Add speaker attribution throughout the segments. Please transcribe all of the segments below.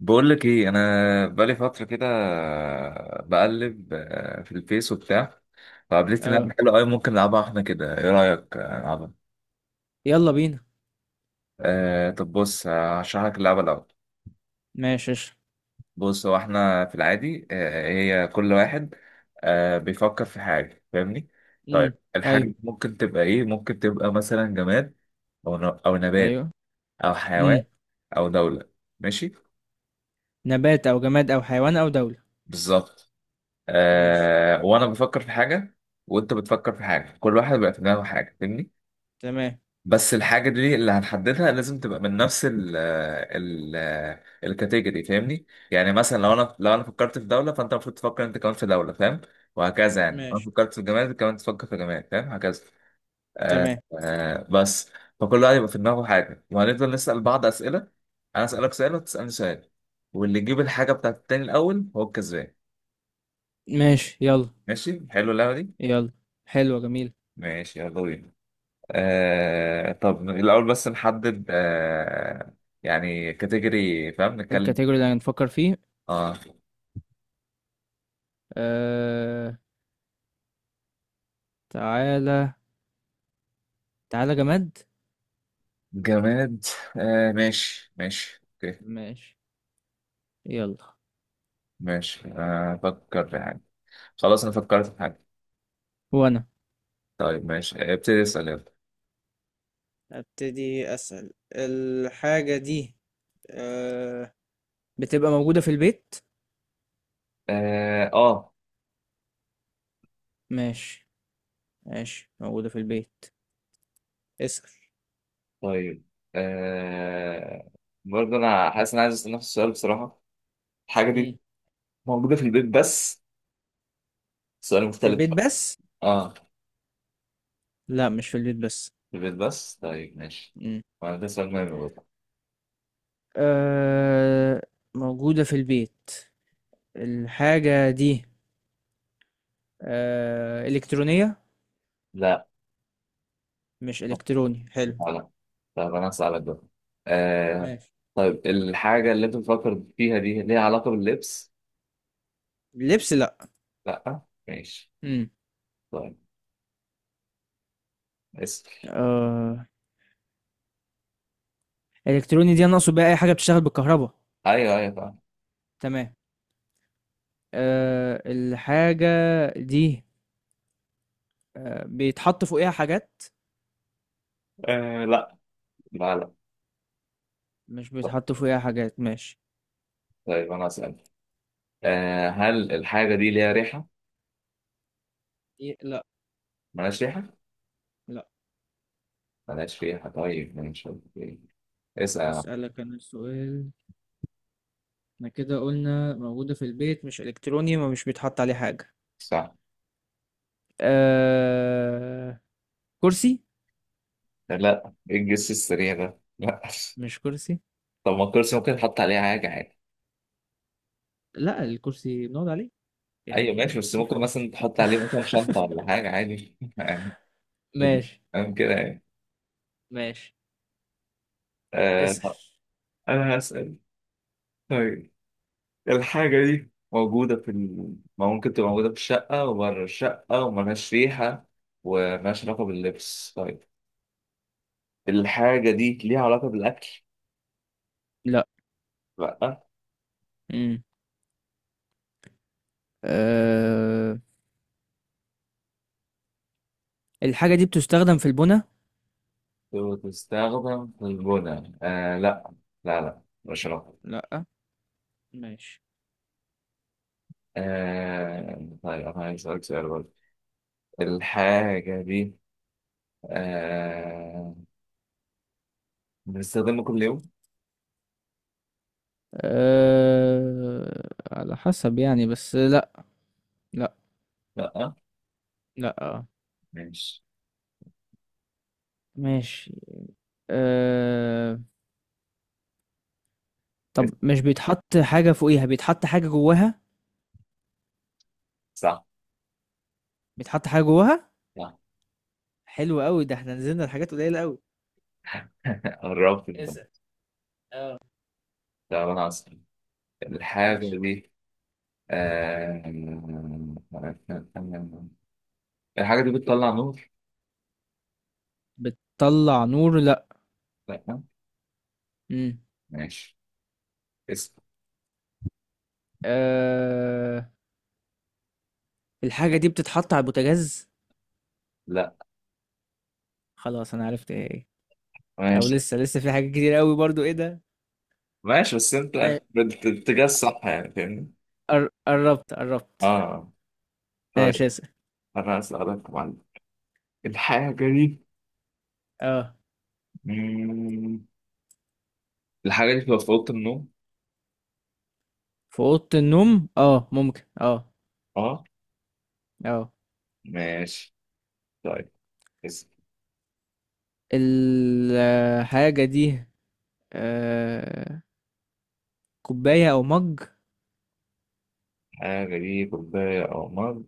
Speaker 1: بقول لك ايه، انا بقالي فتره كده بقلب في الفيس وبتاع. فقابلت
Speaker 2: آه.
Speaker 1: لعبه حلوه قوي، ممكن نلعبها احنا كده. ايه رايك، نلعبها؟
Speaker 2: يلا بينا.
Speaker 1: طب بص، هشرح لك اللعبه الاول.
Speaker 2: ماشي قشطة.
Speaker 1: بص، هو احنا في العادي، هي كل واحد بيفكر في حاجه، فاهمني؟
Speaker 2: امم.
Speaker 1: طيب الحاجه
Speaker 2: ايوه.
Speaker 1: دي ممكن تبقى ايه؟ ممكن تبقى مثلا جماد، او او نبات،
Speaker 2: ايوه.
Speaker 1: او حيوان،
Speaker 2: امم.
Speaker 1: او دوله. ماشي.
Speaker 2: نبات او جماد او حيوان او دولة.
Speaker 1: بالظبط.
Speaker 2: ماشي.
Speaker 1: وانا بفكر في حاجه وانت بتفكر في حاجه، كل واحد بقى في دماغه حاجه، فاهمني؟
Speaker 2: تمام.
Speaker 1: بس الحاجه دي اللي هنحددها لازم تبقى من نفس ال الكاتيجوري فاهمني؟ يعني مثلا لو انا فكرت في دوله، فانت المفروض تفكر انت كمان في دوله، فاهم؟ وهكذا، يعني لو انا
Speaker 2: ماشي.
Speaker 1: فكرت في جماد أنت كمان تفكر في جماد، فاهم، هكذا.
Speaker 2: تمام.
Speaker 1: بس. فكل واحد يبقى في دماغه حاجه، وهنفضل نسال بعض اسئله. انا اسالك سؤال وتسالني سؤال، واللي يجيب الحاجه بتاعت التاني الاول هو الكسبان.
Speaker 2: ماشي. يلا.
Speaker 1: ماشي، حلو اللعبه دي.
Speaker 2: يلا. حلوة جميل.
Speaker 1: ماشي، يلا بينا. طب الأول بس نحدد يعني كاتيجوري، فاهم، نتكلم.
Speaker 2: الكاتيجوري اللي هنفكر فيه.
Speaker 1: اه،
Speaker 2: آه... تعالى. تعالى جماد.
Speaker 1: جماد. ماشي ماشي اوكي.
Speaker 2: ماشي. يلا
Speaker 1: ماشي، فكر في حاجة. خلاص أنا فكرت في حاجة.
Speaker 2: وانا
Speaker 1: طيب ماشي، ابتدي اسأل، يلا.
Speaker 2: ابتدي اسأل الحاجة دي آه... بتبقى موجودة في البيت؟
Speaker 1: اه.
Speaker 2: ماشي. ماشي موجودة في البيت. اسأل.
Speaker 1: طيب. آه برضه أنا حاسس إن أنا عايز أسأل نفس السؤال، بصراحة. الحاجة
Speaker 2: مم.
Speaker 1: دي موجودة في البيت بس. سؤال
Speaker 2: في
Speaker 1: مختلف
Speaker 2: البيت
Speaker 1: بقى.
Speaker 2: بس؟
Speaker 1: اه،
Speaker 2: لأ، مش في البيت بس.
Speaker 1: في البيت بس، طيب ماشي.
Speaker 2: إمم،
Speaker 1: وأنا ده سؤال مهم برضه.
Speaker 2: آآ موجودة في البيت، الحاجة دي إلكترونية؟
Speaker 1: لا،
Speaker 2: مش إلكتروني،
Speaker 1: لا،
Speaker 2: حلو.
Speaker 1: لا. طب انا هسألك بقى. آه
Speaker 2: ماشي.
Speaker 1: طيب الحاجة اللي انت بتفكر فيها دي ليها علاقة باللبس؟
Speaker 2: لبس؟ لأ.
Speaker 1: لا. ماشي.
Speaker 2: إمم،
Speaker 1: طيب، اسأل.
Speaker 2: آآ إلكتروني دي أنا أقصد بيها أي حاجة بتشتغل بالكهربا.
Speaker 1: ايوه، ايوه، فاهم.
Speaker 2: تمام. الحاجة دي بيتحط فوقيها حاجات؟
Speaker 1: لا، لا، لا.
Speaker 2: مش
Speaker 1: طب-
Speaker 2: بيتحط فوقيها حاجات، ماشي.
Speaker 1: طيب انا هسأل. هل الحاجة دي ليها ريحة؟
Speaker 2: لأ.
Speaker 1: ملهاش ريحة؟
Speaker 2: لأ.
Speaker 1: ملهاش ريحة، طيب ماشي أوكي. اسأل.
Speaker 2: هاسألك أنا سؤال، إحنا كده قُلنا موجودة في البيت، مش إلكتروني، ما مش بيتحط عليه حاجة.
Speaker 1: صح.
Speaker 2: آآ كرسي.
Speaker 1: لا، ايه الجس السريع ده؟ لا.
Speaker 2: مش كرسي.
Speaker 1: طب ما الكرسي ممكن تحط عليه حاجة عادي.
Speaker 2: لأ، الكرسي بنقعد عليه،
Speaker 1: ايوه ماشي،
Speaker 2: يعني
Speaker 1: بس
Speaker 2: في
Speaker 1: ممكن
Speaker 2: فرق.
Speaker 1: مثلا تحط عليه مثلا شنطة ولا حاجة عادي.
Speaker 2: ماشي.
Speaker 1: فاهم كده يعني.
Speaker 2: ماشي. اسأل.
Speaker 1: طب انا هسأل. طيب الحاجة دي موجودة في ما ممكن تبقى موجودة في الشقة وبره الشقة، وملهاش ريحة وملهاش علاقة باللبس. طيب، الحاجة دي ليها علاقة بالأكل؟
Speaker 2: لأ.
Speaker 1: لأ.
Speaker 2: إمم، آآ الحاجة دي بتُستخدم في البُنا؟
Speaker 1: وتستخدم في البناء، لأ. لا، لا، مش علاقة.
Speaker 2: لأ. ماشي.
Speaker 1: طيب أنا عايز أسألك سؤال برضه. الحاجة دي آه بنستخدمها كل يوم؟
Speaker 2: على حسب يعني، بس لأ. لأ.
Speaker 1: لأ.
Speaker 2: لأ. آه.
Speaker 1: ماشي.
Speaker 2: ماشي. آآ طَب مش بيتحط حاجة فوقيها، بيتحط حاجة جواها؟
Speaker 1: صح،
Speaker 2: بيتحط حاجة جواها؟
Speaker 1: صح.
Speaker 2: حلو أوي، ده إحنا نزلنا لحاجات قليلة أوي.
Speaker 1: قربت ده.
Speaker 2: اسأل.
Speaker 1: طب انا اسال، الحاجه
Speaker 2: ماشي.
Speaker 1: دي آم، الحاجه دي بتطلع نور؟
Speaker 2: بتطلع نور؟ لا.
Speaker 1: لا.
Speaker 2: مم.
Speaker 1: ماشي، اسال.
Speaker 2: آه... الحاجة دي بتتحط على البوتاجاز؟
Speaker 1: لا.
Speaker 2: خلاص انا عرفت ايه هي. او
Speaker 1: ماشي
Speaker 2: لسه لسه في حاجات كتير قوي برضو ايه ده.
Speaker 1: ماشي، بس انت
Speaker 2: ما-
Speaker 1: باتجاه الصح، يعني فاهمني.
Speaker 2: قربت قربت.
Speaker 1: اه. طيب
Speaker 2: ماشي. اسأل.
Speaker 1: انا اسالك يا معلم، الحاجه دي
Speaker 2: اه.
Speaker 1: مم، الحاجه دي بتبقى في اوضه النوم؟
Speaker 2: في اوضة النوم؟ اه، ممكن. اه.
Speaker 1: اه.
Speaker 2: اه،
Speaker 1: ماشي. طيب، اسال.
Speaker 2: الحاجة دي آه... كوباية او مج؟
Speaker 1: الحاجه دي كوبايه او مج؟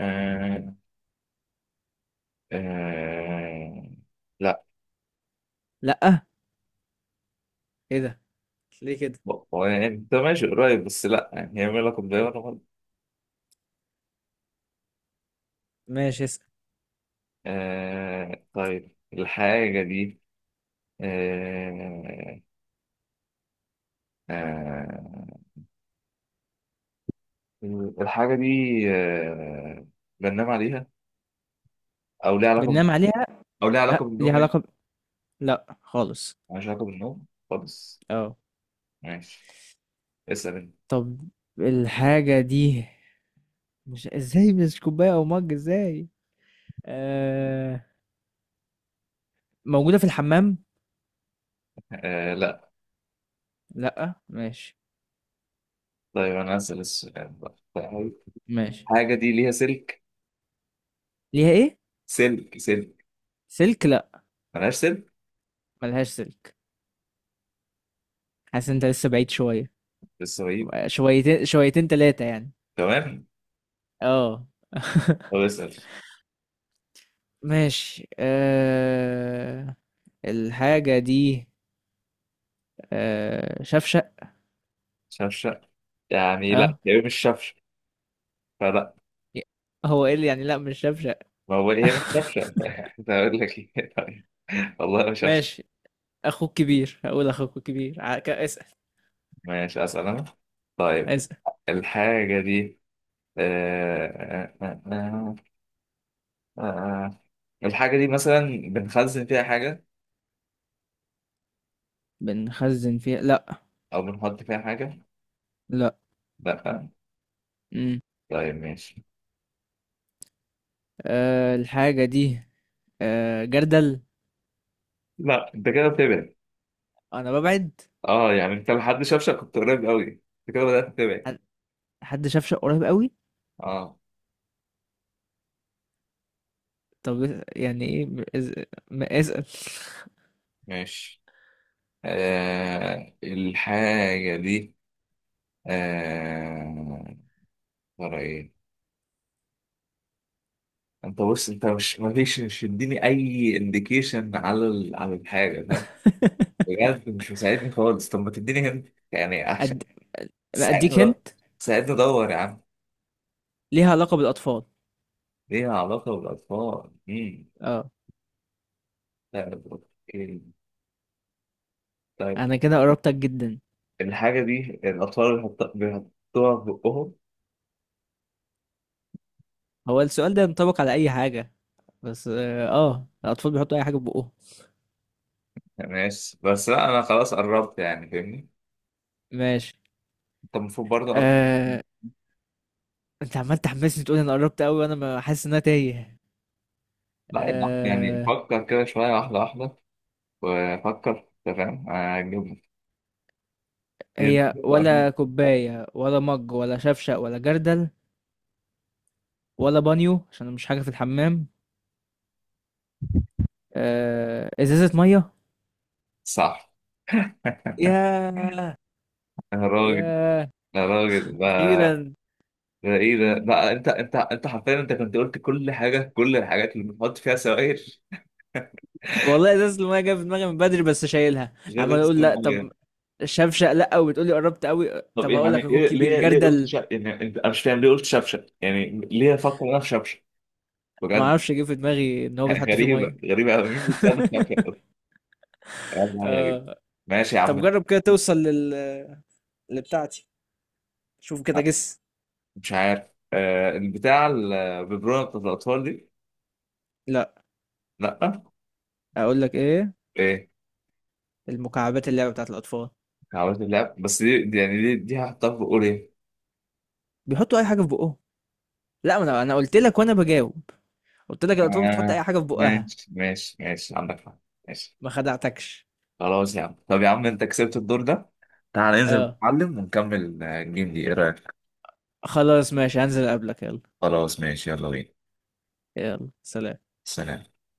Speaker 1: آه. آه. لا.
Speaker 2: لا؟ ايه ده؟ ليه كده؟
Speaker 1: هو يعني انت ماشي قريب، بس لا، يعني هي ميلا كوباية ولا غلط.
Speaker 2: ماشي. اسأل.
Speaker 1: طيب الحاجة دي آه آه الحاجة دي آه بننام عليها؟ أو ليها علاقة ب-
Speaker 2: بننام عليها؟
Speaker 1: أو ليها علاقة
Speaker 2: أه. ليها
Speaker 1: بالنوم، يعني.
Speaker 2: علاقة لا خالص.
Speaker 1: مالهاش علاقة بالنوم خالص،
Speaker 2: اه،
Speaker 1: ماشي، اسأل انت.
Speaker 2: طب الحاجة دي مش ازاي؟ مش كوباية او مج ازاي؟ آه... موجودة في الحمام؟
Speaker 1: لا.
Speaker 2: لا، ماشي.
Speaker 1: طيب أنا هسأل السؤال بقى. طيب،
Speaker 2: ماشي.
Speaker 1: الحاجة دي ليها سلك.
Speaker 2: ليها ايه؟
Speaker 1: سلك، سلك.
Speaker 2: سلك؟ لا،
Speaker 1: ملهاش سلك.
Speaker 2: ملهاش سلك. حاسس انت لسه بعيد شوية.
Speaker 1: بس هو ايه.
Speaker 2: شويتين شويتين تلاتة يعني.
Speaker 1: تمام.
Speaker 2: اه.
Speaker 1: طب، اسأل.
Speaker 2: ماشي. الحاجة دي شفشق؟
Speaker 1: شفشق؟ يعني لا،
Speaker 2: اه.
Speaker 1: هي مش شفشق، فلا.
Speaker 2: هو ايه اللي يعني لا مش شفشق؟
Speaker 1: ما هو هي مش كابشن. هقول لك ايه، طيب والله مش عارف.
Speaker 2: ماشي. اخوك كبير، هقول اخوك كبير. اسأل.
Speaker 1: ماشي، اسال انا. طيب
Speaker 2: اسأل.
Speaker 1: الحاجه دي آه... آه... آه... آه... آه، آه. الحاجه دي مثلا بنخزن فيها حاجه
Speaker 2: بنخزن فيها؟ لا.
Speaker 1: او بنحط فيها حاجه؟
Speaker 2: لا.
Speaker 1: لا.
Speaker 2: مم.
Speaker 1: طيب، ماشي.
Speaker 2: الحاجة دي جردل.
Speaker 1: لا، انت كده بتبعد.
Speaker 2: أنا ببعد؟
Speaker 1: اه، يعني انت لحد شفشك كنت قريب قوي، انت كده بدات تبعد.
Speaker 2: عن- حد شاف شق قريب قوي.
Speaker 1: اه،
Speaker 2: طب يعني إيه؟ ما اسأل.
Speaker 1: ماشي. الحاجه دي آه... ترى ايه. انت بص، انت مش ما فيش مش تديني اي انديكيشن على على الحاجه، فاهم؟ بجد مش مساعدني خالص، طب ما تديني هنت يعني احسن.
Speaker 2: أد... ما
Speaker 1: ساعدني
Speaker 2: أديك
Speaker 1: دور،
Speaker 2: هنت.
Speaker 1: ساعدني ادور يا عم.
Speaker 2: ليها علاقة بالأطفال؟
Speaker 1: ليها علاقه بالاطفال،
Speaker 2: أه.
Speaker 1: طيب، اوكي، طيب.
Speaker 2: أنا كده قربتك جدا.
Speaker 1: الحاجه دي الاطفال بيحطوها في بقهم؟
Speaker 2: هو السؤال ده ينطبق على أي حاجة، بس أه آه، الأطفال بيحطوا أي حاجة في بقهم.
Speaker 1: ماشي، بس لا، انا خلاص قربت، يعني فاهمني،
Speaker 2: ماشي.
Speaker 1: انت المفروض برضه قربت.
Speaker 2: أه... أنت عمال تحمسني تقول أنا قربت قوي وأنا ما حاسس إن أنا تايه.
Speaker 1: لا يا عم، يعني
Speaker 2: أه...
Speaker 1: فكر كده شويه، واحده واحده، وفكر تمام هتجيبها.
Speaker 2: هي
Speaker 1: دي قربت.
Speaker 2: ولا كوباية ولا مج ولا شفشق ولا جردل ولا بانيو عشان مش حاجة في الحمام. ازازة مية؟
Speaker 1: صح. يا
Speaker 2: ياه.
Speaker 1: راجل،
Speaker 2: ياه.
Speaker 1: يا راجل ده،
Speaker 2: اخيرا.
Speaker 1: ده ايه ده بقى، انت حرفيا انت كنت قلت كل الحاجات اللي بنحط فيها سوائل
Speaker 2: والله ازازه الميه جايه في دماغي من بدري، بس شايلها
Speaker 1: غير
Speaker 2: عمال
Speaker 1: ازازه
Speaker 2: اقول لا، طب
Speaker 1: الميه.
Speaker 2: شفشق لا، وبتقولي قربت قوي،
Speaker 1: طب
Speaker 2: طب
Speaker 1: إيه؟
Speaker 2: هقول
Speaker 1: يعني
Speaker 2: لك
Speaker 1: ايه،
Speaker 2: اخوك كبير
Speaker 1: ليه قلت
Speaker 2: جردل.
Speaker 1: يعني انت، انا مش فاهم ليه قلت شبشب، يعني ليه افكر انا في شبشب،
Speaker 2: ما
Speaker 1: بجد.
Speaker 2: اعرفش، جه في دماغي ان هو بيتحط فيه
Speaker 1: غريبه،
Speaker 2: ميه.
Speaker 1: غريبه قوي، مين بيتسمى شبشب. والله غريب.
Speaker 2: آه.
Speaker 1: ماشي يا
Speaker 2: طب
Speaker 1: عم،
Speaker 2: جرب كده توصل لبتاعتي. شوف كده، جس.
Speaker 1: مش عارف. البتاع الببرونه بتاعت الاطفال دي؟
Speaker 2: لا.
Speaker 1: لا،
Speaker 2: اقول لك ايه،
Speaker 1: ايه؟
Speaker 2: المكعبات، اللعبه بتاعت الاطفال،
Speaker 1: عملت اللعب، بس يعني دي هحطها في ايه؟
Speaker 2: بيحطوا اي حاجه في بقهم. لا، ما انا قلت لك وانا بجاوب، قلت لك الأطفال بتحط أي
Speaker 1: آه
Speaker 2: حاجة في بقها.
Speaker 1: ماشي ماشي ماشي، عندك حق، ماشي.
Speaker 2: ما خدعتكش.
Speaker 1: خلاص يا عم، طب يا عم انت كسبت الدور ده. تعال ننزل
Speaker 2: اه.
Speaker 1: نتعلم ونكمل الجيم دي، ايه رأيك؟
Speaker 2: خلاص ماشي، هنزل أقابلك. يلا.
Speaker 1: خلاص، ماشي، يلا بينا.
Speaker 2: يلا سلام.
Speaker 1: سلام.